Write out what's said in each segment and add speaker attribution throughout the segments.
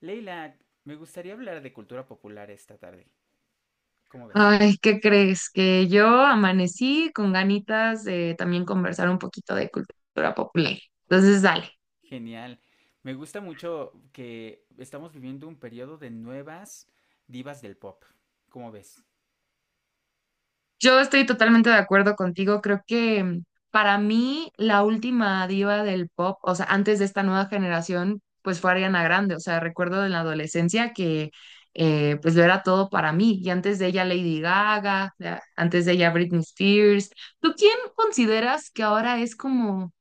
Speaker 1: Leila, me gustaría hablar de cultura popular esta tarde. ¿Cómo ves?
Speaker 2: Ay, ¿qué crees? Que yo amanecí con ganitas de también conversar un poquito de cultura popular. Entonces, dale.
Speaker 1: Genial. Me gusta mucho que estamos viviendo un periodo de nuevas divas del pop. ¿Cómo ves?
Speaker 2: Yo estoy totalmente de acuerdo contigo. Creo que para mí la última diva del pop, o sea, antes de esta nueva generación, pues fue Ariana Grande. O sea, recuerdo en la adolescencia que pues lo era todo para mí. Y antes de ella Lady Gaga, ya, antes de ella Britney Spears. ¿Tú quién consideras que ahora es como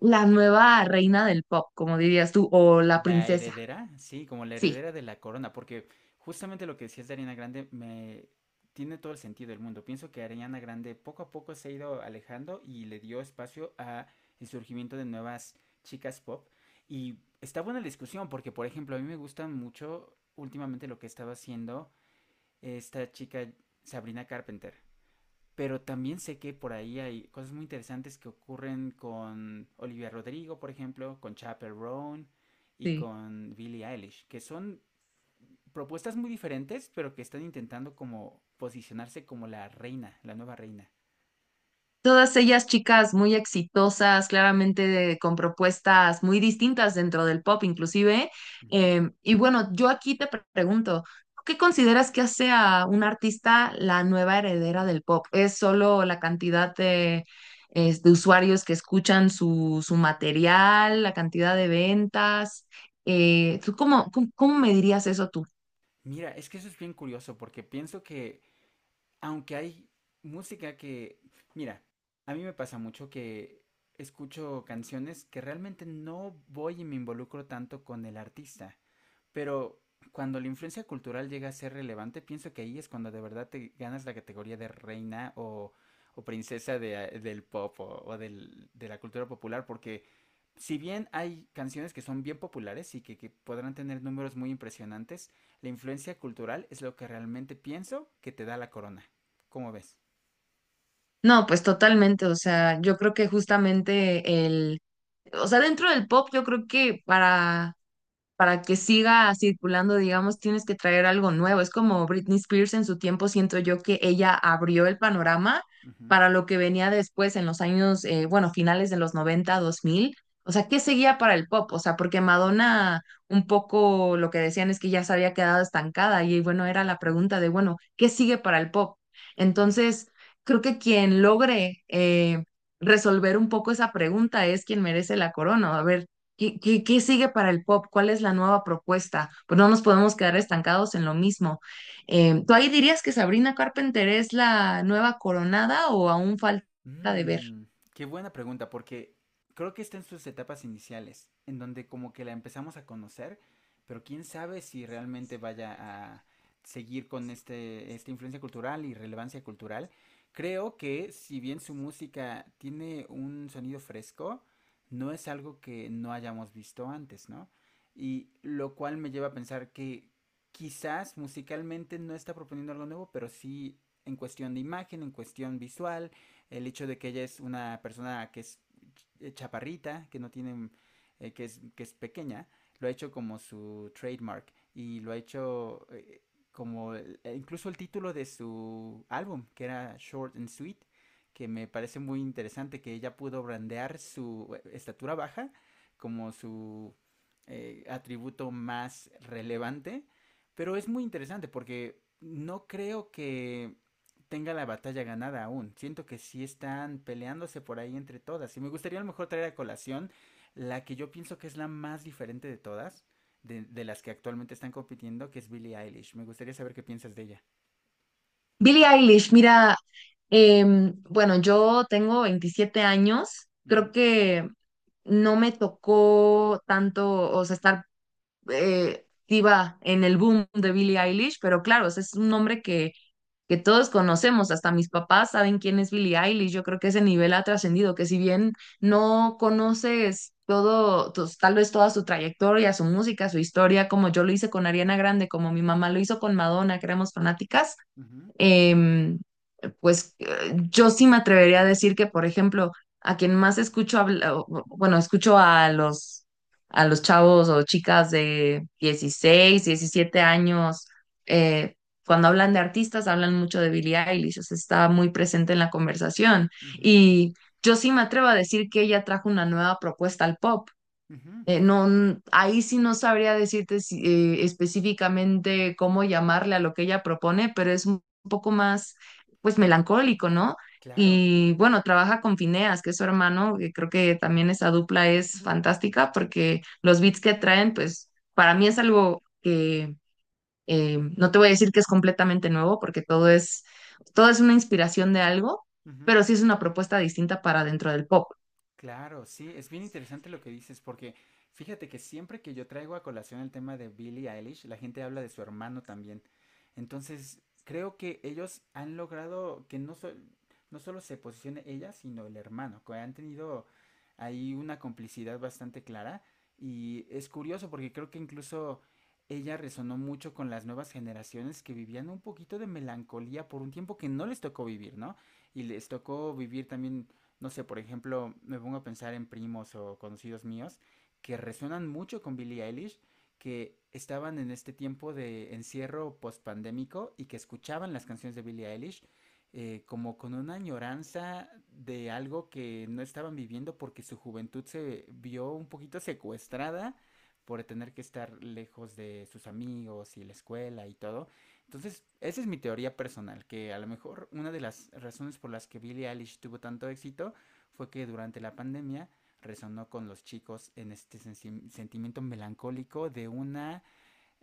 Speaker 2: ...la nueva reina del pop, como dirías tú, o la
Speaker 1: La
Speaker 2: princesa?
Speaker 1: heredera, sí, como la
Speaker 2: Sí,
Speaker 1: heredera de la corona, porque justamente lo que decías de Ariana Grande me tiene todo el sentido del mundo. Pienso que Ariana Grande poco a poco se ha ido alejando y le dio espacio a el surgimiento de nuevas chicas pop. Y está buena la discusión, porque por ejemplo, a mí me gusta mucho últimamente lo que estaba haciendo esta chica Sabrina Carpenter. Pero también sé que por ahí hay cosas muy interesantes que ocurren con Olivia Rodrigo, por ejemplo, con Chappell Roan y
Speaker 2: sí.
Speaker 1: con Billie Eilish, que son propuestas muy diferentes, pero que están intentando como posicionarse como la reina, la nueva reina.
Speaker 2: Todas ellas chicas muy exitosas, claramente con propuestas muy distintas dentro del pop inclusive.
Speaker 1: Uh -huh.
Speaker 2: Y bueno, yo aquí te pregunto, ¿tú ¿qué consideras que hace a un artista la nueva heredera del pop? ¿Es solo la cantidad de usuarios que escuchan su material, la cantidad de ventas? ¿Tú cómo me dirías eso tú?
Speaker 1: Mira, es que eso es bien curioso porque pienso que aunque hay música que, mira, a mí me pasa mucho que escucho canciones que realmente no voy y me involucro tanto con el artista. Pero cuando la influencia cultural llega a ser relevante, pienso que ahí es cuando de verdad te ganas la categoría de reina o princesa del pop o de la cultura popular, porque si bien hay canciones que son bien populares y que podrán tener números muy impresionantes, la influencia cultural es lo que realmente pienso que te da la corona. ¿Cómo ves?
Speaker 2: No, pues totalmente, o sea, yo creo que justamente el, o sea, dentro del pop yo creo que para que siga circulando, digamos, tienes que traer algo nuevo. Es como Britney Spears en su tiempo, siento yo que ella abrió el panorama
Speaker 1: Ujú.
Speaker 2: para lo que venía después en los años, bueno, finales de los 90 2000. O sea, ¿qué seguía para el pop? O sea, porque Madonna, un poco lo que decían es que ya se había quedado estancada y bueno, era la
Speaker 1: Ujú.
Speaker 2: pregunta de, bueno, ¿qué sigue para el pop? Entonces, creo que quien logre resolver un poco esa pregunta es quien merece la corona. A ver, ¿qué sigue para el pop? ¿Cuál es la nueva propuesta? Pues no nos podemos quedar estancados en lo mismo. ¿Tú ahí dirías que Sabrina Carpenter es la nueva coronada o aún falta de ver?
Speaker 1: Mm, qué buena pregunta, porque creo que está en sus etapas iniciales, en donde como que la empezamos a conocer, pero quién sabe si realmente vaya a seguir con esta influencia cultural y relevancia cultural. Creo que si bien su música tiene un sonido fresco, no es algo que no hayamos visto antes, ¿no? Y lo cual me lleva a pensar que quizás musicalmente no está proponiendo algo nuevo, pero sí en cuestión de imagen, en cuestión visual, el hecho de que ella es una persona que es chaparrita, que no tiene, que es pequeña, lo ha hecho como su trademark y lo ha hecho como incluso el título de su álbum, que era Short and Sweet, que me parece muy interesante que ella pudo brandear su estatura baja como su atributo más relevante, pero es muy interesante porque no creo que tenga la batalla ganada aún. Siento que sí están peleándose por ahí entre todas. Y me gustaría a lo mejor traer a colación la que yo pienso que es la más diferente de todas, de las que actualmente están compitiendo, que es Billie Eilish. Me gustaría saber qué piensas de ella.
Speaker 2: Billie Eilish, mira, bueno, yo tengo 27 años, creo
Speaker 1: Ujú.
Speaker 2: que no me tocó tanto, o sea, estar activa en el boom de Billie Eilish, pero claro, o sea, es un nombre que todos conocemos, hasta mis papás saben quién es Billie Eilish. Yo creo que ese nivel ha trascendido, que si bien no conoces todo, tal vez toda su trayectoria, su música, su historia, como yo lo hice con Ariana Grande, como mi mamá lo hizo con Madonna, que éramos fanáticas.
Speaker 1: Ujú.
Speaker 2: Em, pues, yo sí me atrevería a decir que, por ejemplo, a quien más escucho bueno, escucho a los chavos o chicas de 16 17 años, eh, cuando hablan de artistas, hablan mucho de Billie Eilish. O sea, está muy presente en la conversación.
Speaker 1: Ujú.
Speaker 2: Y yo sí me atrevo a decir que ella trajo una nueva propuesta al pop.
Speaker 1: Ujú.
Speaker 2: No, ahí sí no sabría decirte específicamente cómo llamarle a lo que ella propone, pero es un poco más, pues, melancólico, ¿no?
Speaker 1: Claro.
Speaker 2: Y bueno, trabaja con Fineas, que es su hermano, que creo que también esa dupla es fantástica porque los beats que traen, pues, para mí es algo que no te voy a decir que es completamente nuevo, porque todo es una inspiración de algo,
Speaker 1: Ujú.
Speaker 2: pero sí es una propuesta distinta para dentro del pop.
Speaker 1: Claro, sí, es bien interesante lo que dices, porque fíjate que siempre que yo traigo a colación el tema de Billie Eilish, la gente habla de su hermano también. Entonces, creo que ellos han logrado que no solo se posicione ella, sino el hermano, que han tenido ahí una complicidad bastante clara. Y es curioso porque creo que incluso ella resonó mucho con las nuevas generaciones que vivían un poquito de melancolía por un tiempo que no les tocó vivir, ¿no? Y les tocó vivir también no sé, por ejemplo, me pongo a pensar en primos o conocidos míos que resuenan mucho con Billie Eilish, que estaban en este tiempo de encierro postpandémico y que escuchaban las canciones de Billie Eilish como con una añoranza de algo que no estaban viviendo porque su juventud se vio un poquito secuestrada por tener que estar lejos de sus amigos y la escuela y todo. Entonces, esa es mi teoría personal, que a lo mejor una de las razones por las que Billie Eilish tuvo tanto éxito fue que durante la pandemia resonó con los chicos en este sentimiento melancólico de una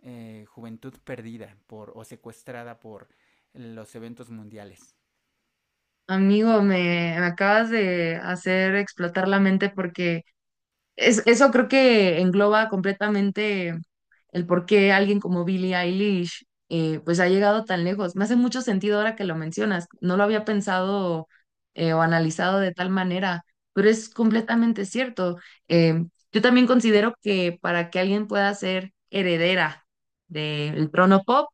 Speaker 1: juventud perdida por o secuestrada por los eventos mundiales.
Speaker 2: Amigo, me acabas de hacer explotar la mente porque eso creo que engloba completamente el por qué alguien como Billie Eilish pues ha llegado tan lejos. Me hace mucho sentido ahora que lo mencionas. No lo había
Speaker 1: Ujú.
Speaker 2: pensado o analizado de tal manera, pero es completamente cierto. Eh, yo también considero que para que alguien pueda ser heredera del trono pop,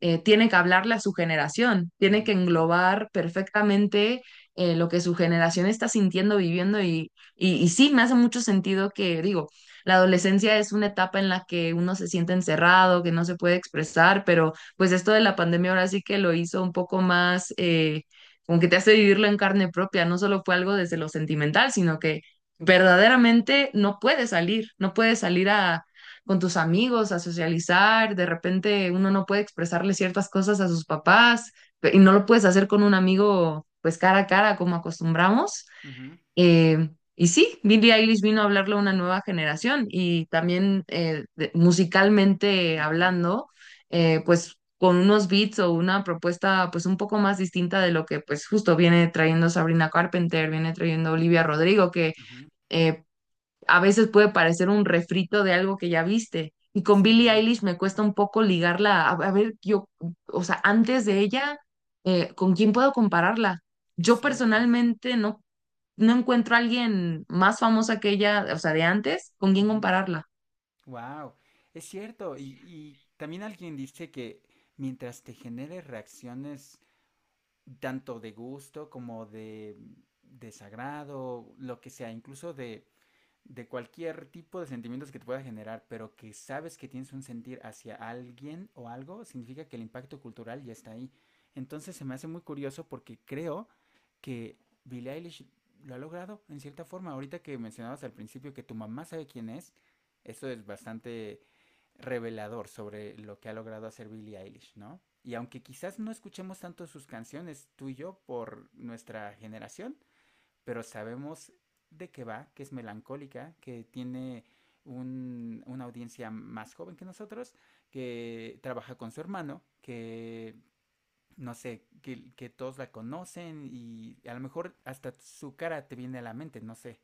Speaker 2: tiene que hablarle a su generación, tiene
Speaker 1: Mm,
Speaker 2: que
Speaker 1: mm.
Speaker 2: englobar perfectamente lo que su generación está sintiendo, viviendo y sí, me hace mucho sentido que digo, la adolescencia es una etapa en la que uno se siente encerrado, que no se puede expresar, pero pues esto de la pandemia ahora sí que lo hizo un poco más, como que te hace vivirlo en carne propia, no solo fue algo
Speaker 1: Sí.
Speaker 2: desde lo sentimental, sino que verdaderamente no puedes salir, no puedes salir a con tus amigos, a socializar. De repente uno no puede expresarle ciertas cosas a sus papás y no lo puedes hacer con un amigo pues cara a cara como acostumbramos.
Speaker 1: Ujú.
Speaker 2: Eh, y sí, Billie Eilish vino a hablarle a una nueva generación y también musicalmente
Speaker 1: Ujú.
Speaker 2: hablando, pues con unos beats o una propuesta pues un poco más distinta de lo que pues justo viene trayendo Sabrina Carpenter, viene trayendo Olivia Rodrigo, que
Speaker 1: Ujú.
Speaker 2: eh, a veces puede parecer un refrito de algo que ya viste. Y con Billie
Speaker 1: Sí,
Speaker 2: Eilish me cuesta un poco ligarla, a ver, yo, o sea, antes de ella, ¿con quién puedo compararla?
Speaker 1: es
Speaker 2: Yo
Speaker 1: cierto.
Speaker 2: personalmente no encuentro a alguien más famosa que ella, o sea, de antes, con quién compararla.
Speaker 1: Wow, es cierto. Y también alguien dice que mientras te genere reacciones tanto de gusto como de sagrado, lo que sea, incluso de cualquier tipo de sentimientos que te pueda generar, pero que sabes que tienes un sentir hacia alguien o algo, significa que el impacto cultural ya está ahí. Entonces se me hace muy curioso porque creo que Billie Eilish lo ha logrado en cierta forma. Ahorita que mencionabas al principio que tu mamá sabe quién es, eso es bastante revelador sobre lo que ha logrado hacer Billie Eilish, ¿no? Y aunque quizás no escuchemos tanto sus canciones, tú y yo, por nuestra generación, pero sabemos de qué va, que es melancólica, que tiene una audiencia más joven que nosotros, que trabaja con su hermano, que no sé, que todos la conocen y a lo mejor hasta su cara te viene a la mente, no sé,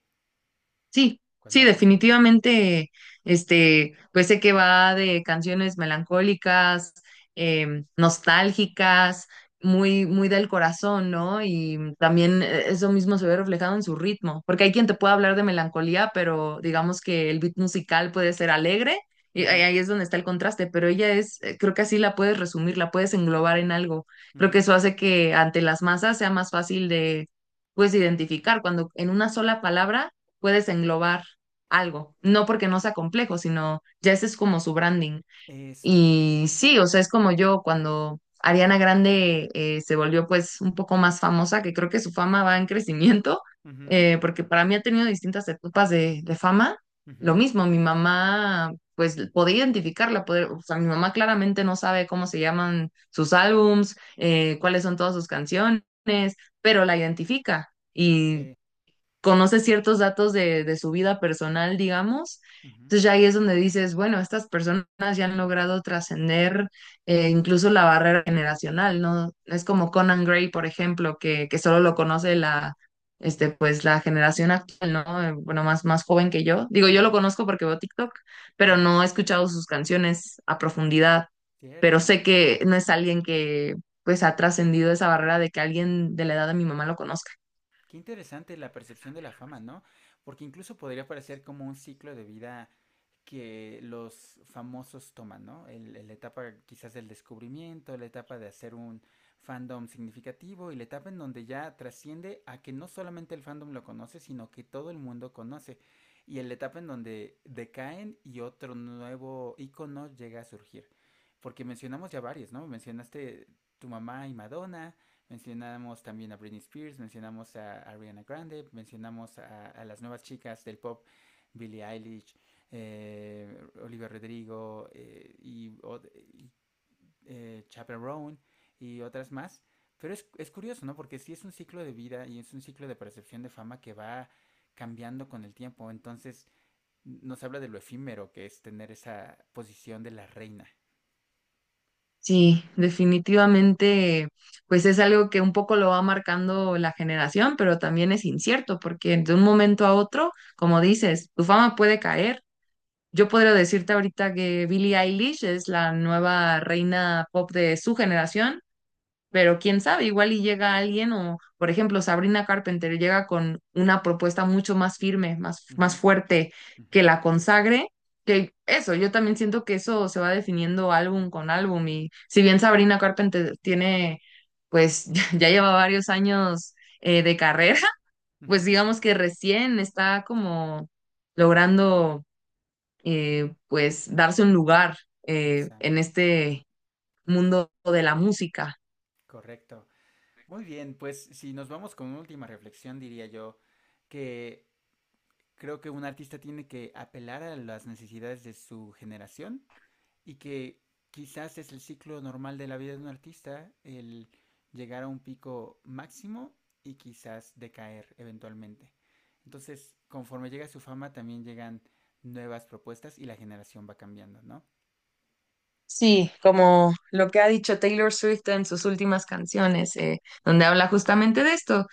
Speaker 2: Sí,
Speaker 1: cuando
Speaker 2: sí,
Speaker 1: hablas de ella.
Speaker 2: definitivamente, este, pues sé que va de canciones melancólicas, nostálgicas, muy, muy del corazón, ¿no? Y también eso mismo se ve reflejado en su ritmo, porque hay quien te puede hablar de melancolía, pero digamos que el beat musical puede ser alegre, y ahí
Speaker 1: Ujú.
Speaker 2: ahí es donde está el contraste, pero ella creo que así la puedes resumir, la puedes englobar en algo. Creo que
Speaker 1: Ujú.
Speaker 2: eso hace que ante las masas sea más fácil de, pues, identificar cuando en una sola palabra puedes englobar algo, no porque no sea complejo, sino ya ese es como su branding.
Speaker 1: Eso.
Speaker 2: Y sí, o sea, es como yo cuando Ariana Grande se volvió pues un poco más famosa, que creo que su fama va en crecimiento,
Speaker 1: Ujú.
Speaker 2: porque para mí ha tenido distintas etapas de fama. Lo
Speaker 1: Ujú.
Speaker 2: mismo, mi mamá pues podía identificarla, poder, o sea, mi mamá claramente no sabe cómo se llaman sus álbums, cuáles son todas sus canciones, pero la identifica. Y
Speaker 1: Sí.
Speaker 2: conoce ciertos datos de su vida personal, digamos.
Speaker 1: Ujú.
Speaker 2: Entonces ya ahí es donde dices, bueno, estas personas ya han logrado trascender incluso la barrera generacional, ¿no? Es como Conan Gray, por ejemplo, que solo lo
Speaker 1: Sí.
Speaker 2: conoce la generación actual, ¿no? Bueno, más, más joven que yo. Digo, yo
Speaker 1: Ujú.
Speaker 2: lo conozco porque veo TikTok, pero
Speaker 1: Ajá,
Speaker 2: no he escuchado sus canciones a profundidad, pero
Speaker 1: cierto.
Speaker 2: sé que no es alguien que, pues, ha trascendido esa barrera de que alguien de la edad de mi mamá lo conozca.
Speaker 1: Qué interesante la percepción de la fama, ¿no? Porque incluso podría parecer como un ciclo de vida que los famosos toman, ¿no? La etapa quizás del descubrimiento, la etapa de hacer un fandom significativo y la etapa en donde ya trasciende a que no solamente el fandom lo conoce, sino que todo el mundo conoce. Y en la etapa en donde decaen y otro nuevo icono llega a surgir. Porque mencionamos ya varios, ¿no? Mencionaste tu mamá y Madonna, mencionamos también a Britney Spears, mencionamos a Ariana Grande, mencionamos a las nuevas chicas del pop, Billie Eilish, Olivia Rodrigo y, Chaperone y otras más. Pero es curioso, ¿no? Porque sí es un ciclo de vida y es un ciclo de percepción de fama que va cambiando con el tiempo. Entonces nos habla de lo efímero que es tener esa posición de la reina.
Speaker 2: Sí, definitivamente, pues es algo que un poco lo va marcando la generación, pero también es incierto, porque de un momento a otro, como dices, tu fama puede caer. Yo podría decirte ahorita que Billie Eilish es la nueva reina pop de su generación, pero quién sabe, igual y llega alguien o, por ejemplo, Sabrina Carpenter llega con una propuesta mucho más firme, más,
Speaker 1: Ujú.
Speaker 2: más fuerte
Speaker 1: Ujú.
Speaker 2: que la consagre, que eso, yo también siento que eso se va definiendo álbum con álbum. Y si bien Sabrina Carpenter tiene, pues ya lleva varios años de carrera,
Speaker 1: Ujú.
Speaker 2: pues digamos que recién está como logrando, pues, darse un lugar en
Speaker 1: Exacto.
Speaker 2: este mundo de la música.
Speaker 1: Correcto. Muy bien, pues si nos vamos con una última reflexión, diría yo que creo que un artista tiene que apelar a las necesidades de su generación. Y que quizás es el ciclo normal de la vida de un artista, el llegar a un pico máximo y quizás decaer eventualmente. Entonces, conforme llega su fama, también llegan nuevas propuestas y la generación va cambiando, ¿no?
Speaker 2: Sí, como lo que ha dicho Taylor Swift en sus últimas canciones, donde habla justamente de esto,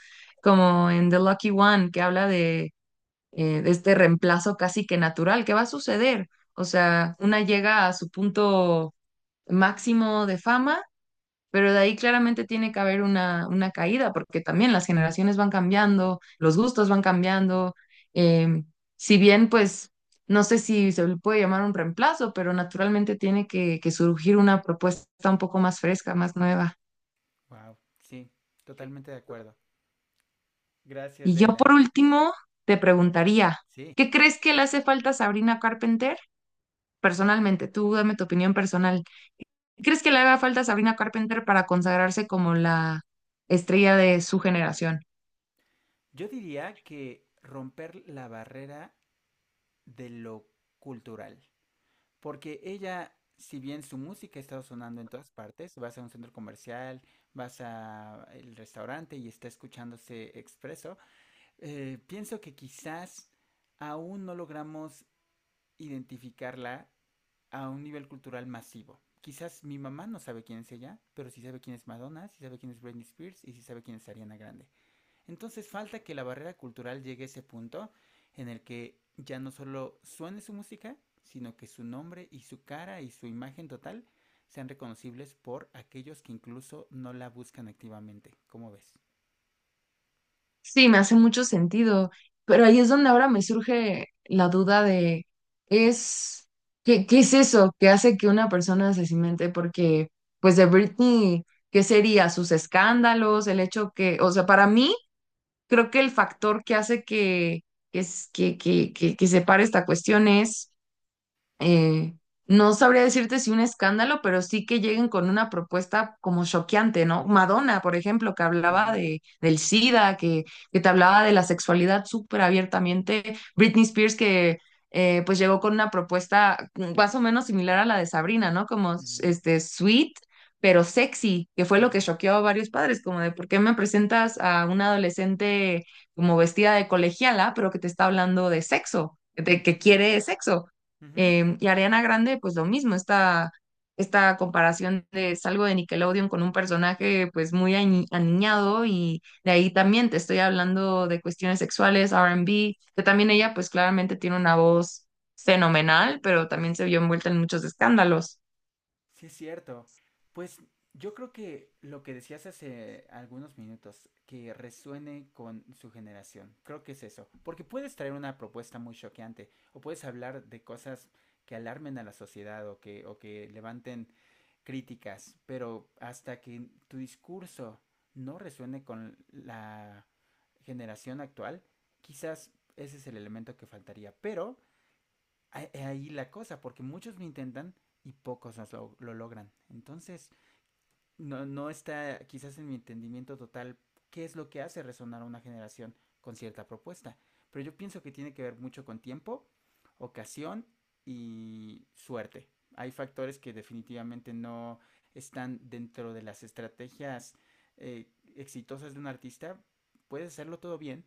Speaker 2: como en The Lucky One, que habla de este reemplazo casi que natural que va a suceder. O sea, una llega a su punto máximo de fama, pero de ahí claramente tiene que haber una caída, porque también las generaciones van cambiando, los gustos van cambiando. eh, si bien, pues, no sé si se le puede llamar un reemplazo, pero naturalmente tiene que surgir una propuesta un poco más fresca, más nueva.
Speaker 1: Wow, sí, totalmente de acuerdo. Gracias,
Speaker 2: Y yo,
Speaker 1: Leila.
Speaker 2: por último, te preguntaría,
Speaker 1: Sí.
Speaker 2: ¿qué crees que le hace falta a Sabrina Carpenter? Personalmente, tú dame tu opinión personal. ¿Crees que le haga falta a Sabrina Carpenter para consagrarse como la estrella de su generación?
Speaker 1: Yo diría que romper la barrera de lo cultural. Porque ella, si bien su música está sonando en todas partes, vas a un centro comercial, vas a el restaurante y está escuchándose expreso, pienso que quizás aún no logramos identificarla a un nivel cultural masivo. Quizás mi mamá no sabe quién es ella, pero sí sabe quién es Madonna, sí sabe quién es Britney Spears y sí sabe quién es Ariana Grande. Entonces falta que la barrera cultural llegue a ese punto en el que ya no solo suene su música, sino que su nombre y su cara y su imagen total sean reconocibles por aquellos que incluso no la buscan activamente. ¿Cómo ves?
Speaker 2: Sí, me hace mucho sentido, pero ahí es donde ahora me surge la duda de, es, ¿qué es eso que hace que una persona se cimente? Porque, pues de Britney, ¿qué sería? ¿Sus escándalos? El hecho que, o sea, para mí, creo que el factor que hace que, es- que separe esta cuestión es eh, no sabría decirte si un escándalo, pero sí que lleguen con una propuesta como choqueante, ¿no? Madonna, por ejemplo, que hablaba
Speaker 1: Ujú.
Speaker 2: del SIDA, que te hablaba de la sexualidad súper abiertamente. Britney Spears, que pues llegó con una propuesta más o menos similar a la de Sabrina, ¿no? Como
Speaker 1: Ujú.
Speaker 2: este sweet, pero sexy, que fue lo que
Speaker 1: Ujú.
Speaker 2: choqueó a varios padres, como de por qué me presentas a una adolescente como vestida de colegiala, pero que te está hablando de sexo, de
Speaker 1: Ujú.
Speaker 2: que quiere sexo.
Speaker 1: Ujú. Ujú.
Speaker 2: Y Ariana Grande, pues lo mismo, esta comparación de salgo de Nickelodeon con un personaje pues muy aniñado y de ahí también te estoy hablando de cuestiones sexuales, R&B. Que también ella pues claramente tiene una voz fenomenal, pero
Speaker 1: Sí, no.
Speaker 2: también se vio envuelta en muchos escándalos.
Speaker 1: Sí, es cierto. Pues yo creo que lo que decías hace algunos minutos, que resuene con su generación, creo que es eso. Porque puedes traer una propuesta muy choqueante o puedes hablar de cosas que alarmen a la sociedad o que levanten críticas, pero hasta que tu discurso no resuene con la generación actual, quizás ese es el elemento que faltaría. Pero ahí la cosa, porque muchos lo intentan y pocos lo logran. Entonces, no, no está quizás en mi entendimiento total qué es lo que hace resonar a una generación con cierta propuesta. Pero yo pienso que tiene que ver mucho con tiempo, ocasión y suerte. Hay factores que definitivamente no están dentro de las estrategias eh, exitosas de un artista. Puedes hacerlo todo bien,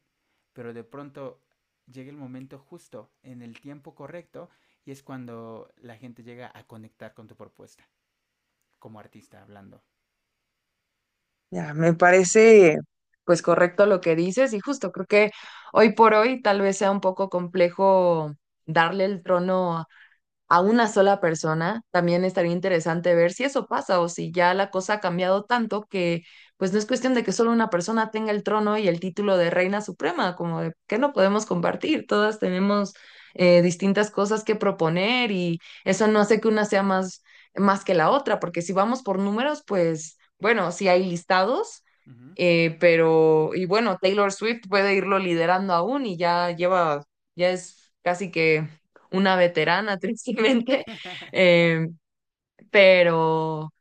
Speaker 1: pero de pronto llega el momento justo, en el tiempo correcto, y es cuando la gente llega a conectar con tu propuesta, como artista hablando.
Speaker 2: Ya, me parece pues correcto lo que dices y justo creo que hoy por hoy tal vez sea un poco complejo darle el trono a una sola persona. También estaría interesante ver si eso pasa o si ya la cosa ha cambiado tanto que pues no es cuestión de que solo una persona tenga el trono y el título de reina suprema, como de que no podemos compartir, todas tenemos distintas cosas que proponer y eso no hace que una sea más que la otra, porque si vamos por números, pues bueno, si hay listados.
Speaker 1: Uh -huh.
Speaker 2: Pero, y bueno, Taylor Swift puede irlo liderando aún y ya es casi que una veterana, tristemente, eh, pero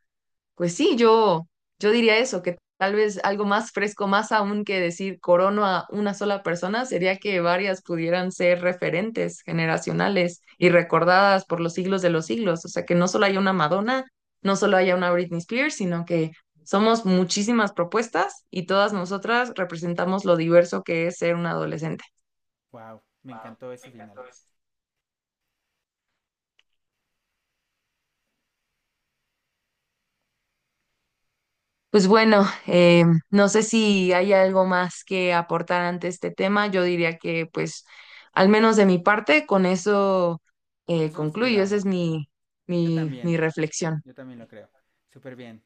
Speaker 2: pues sí, yo diría eso, que tal vez algo más fresco, más aún que decir corono a una sola persona, sería que varias pudieran ser referentes generacionales y recordadas por los siglos de los siglos. O sea, que no solo haya una Madonna, no solo haya una Britney Spears, sino que... somos muchísimas propuestas y todas nosotras representamos lo diverso que es ser un adolescente.
Speaker 1: Wow, me encantó ese final.
Speaker 2: Pues bueno, no sé si hay algo más que aportar ante este tema. Yo diría que, pues, al menos de mi parte, con eso
Speaker 1: Con eso nos
Speaker 2: concluyo. Esa
Speaker 1: quedamos.
Speaker 2: es mi,
Speaker 1: Yo
Speaker 2: mi, mi
Speaker 1: también,
Speaker 2: reflexión.
Speaker 1: yo también lo creo. Súper bien.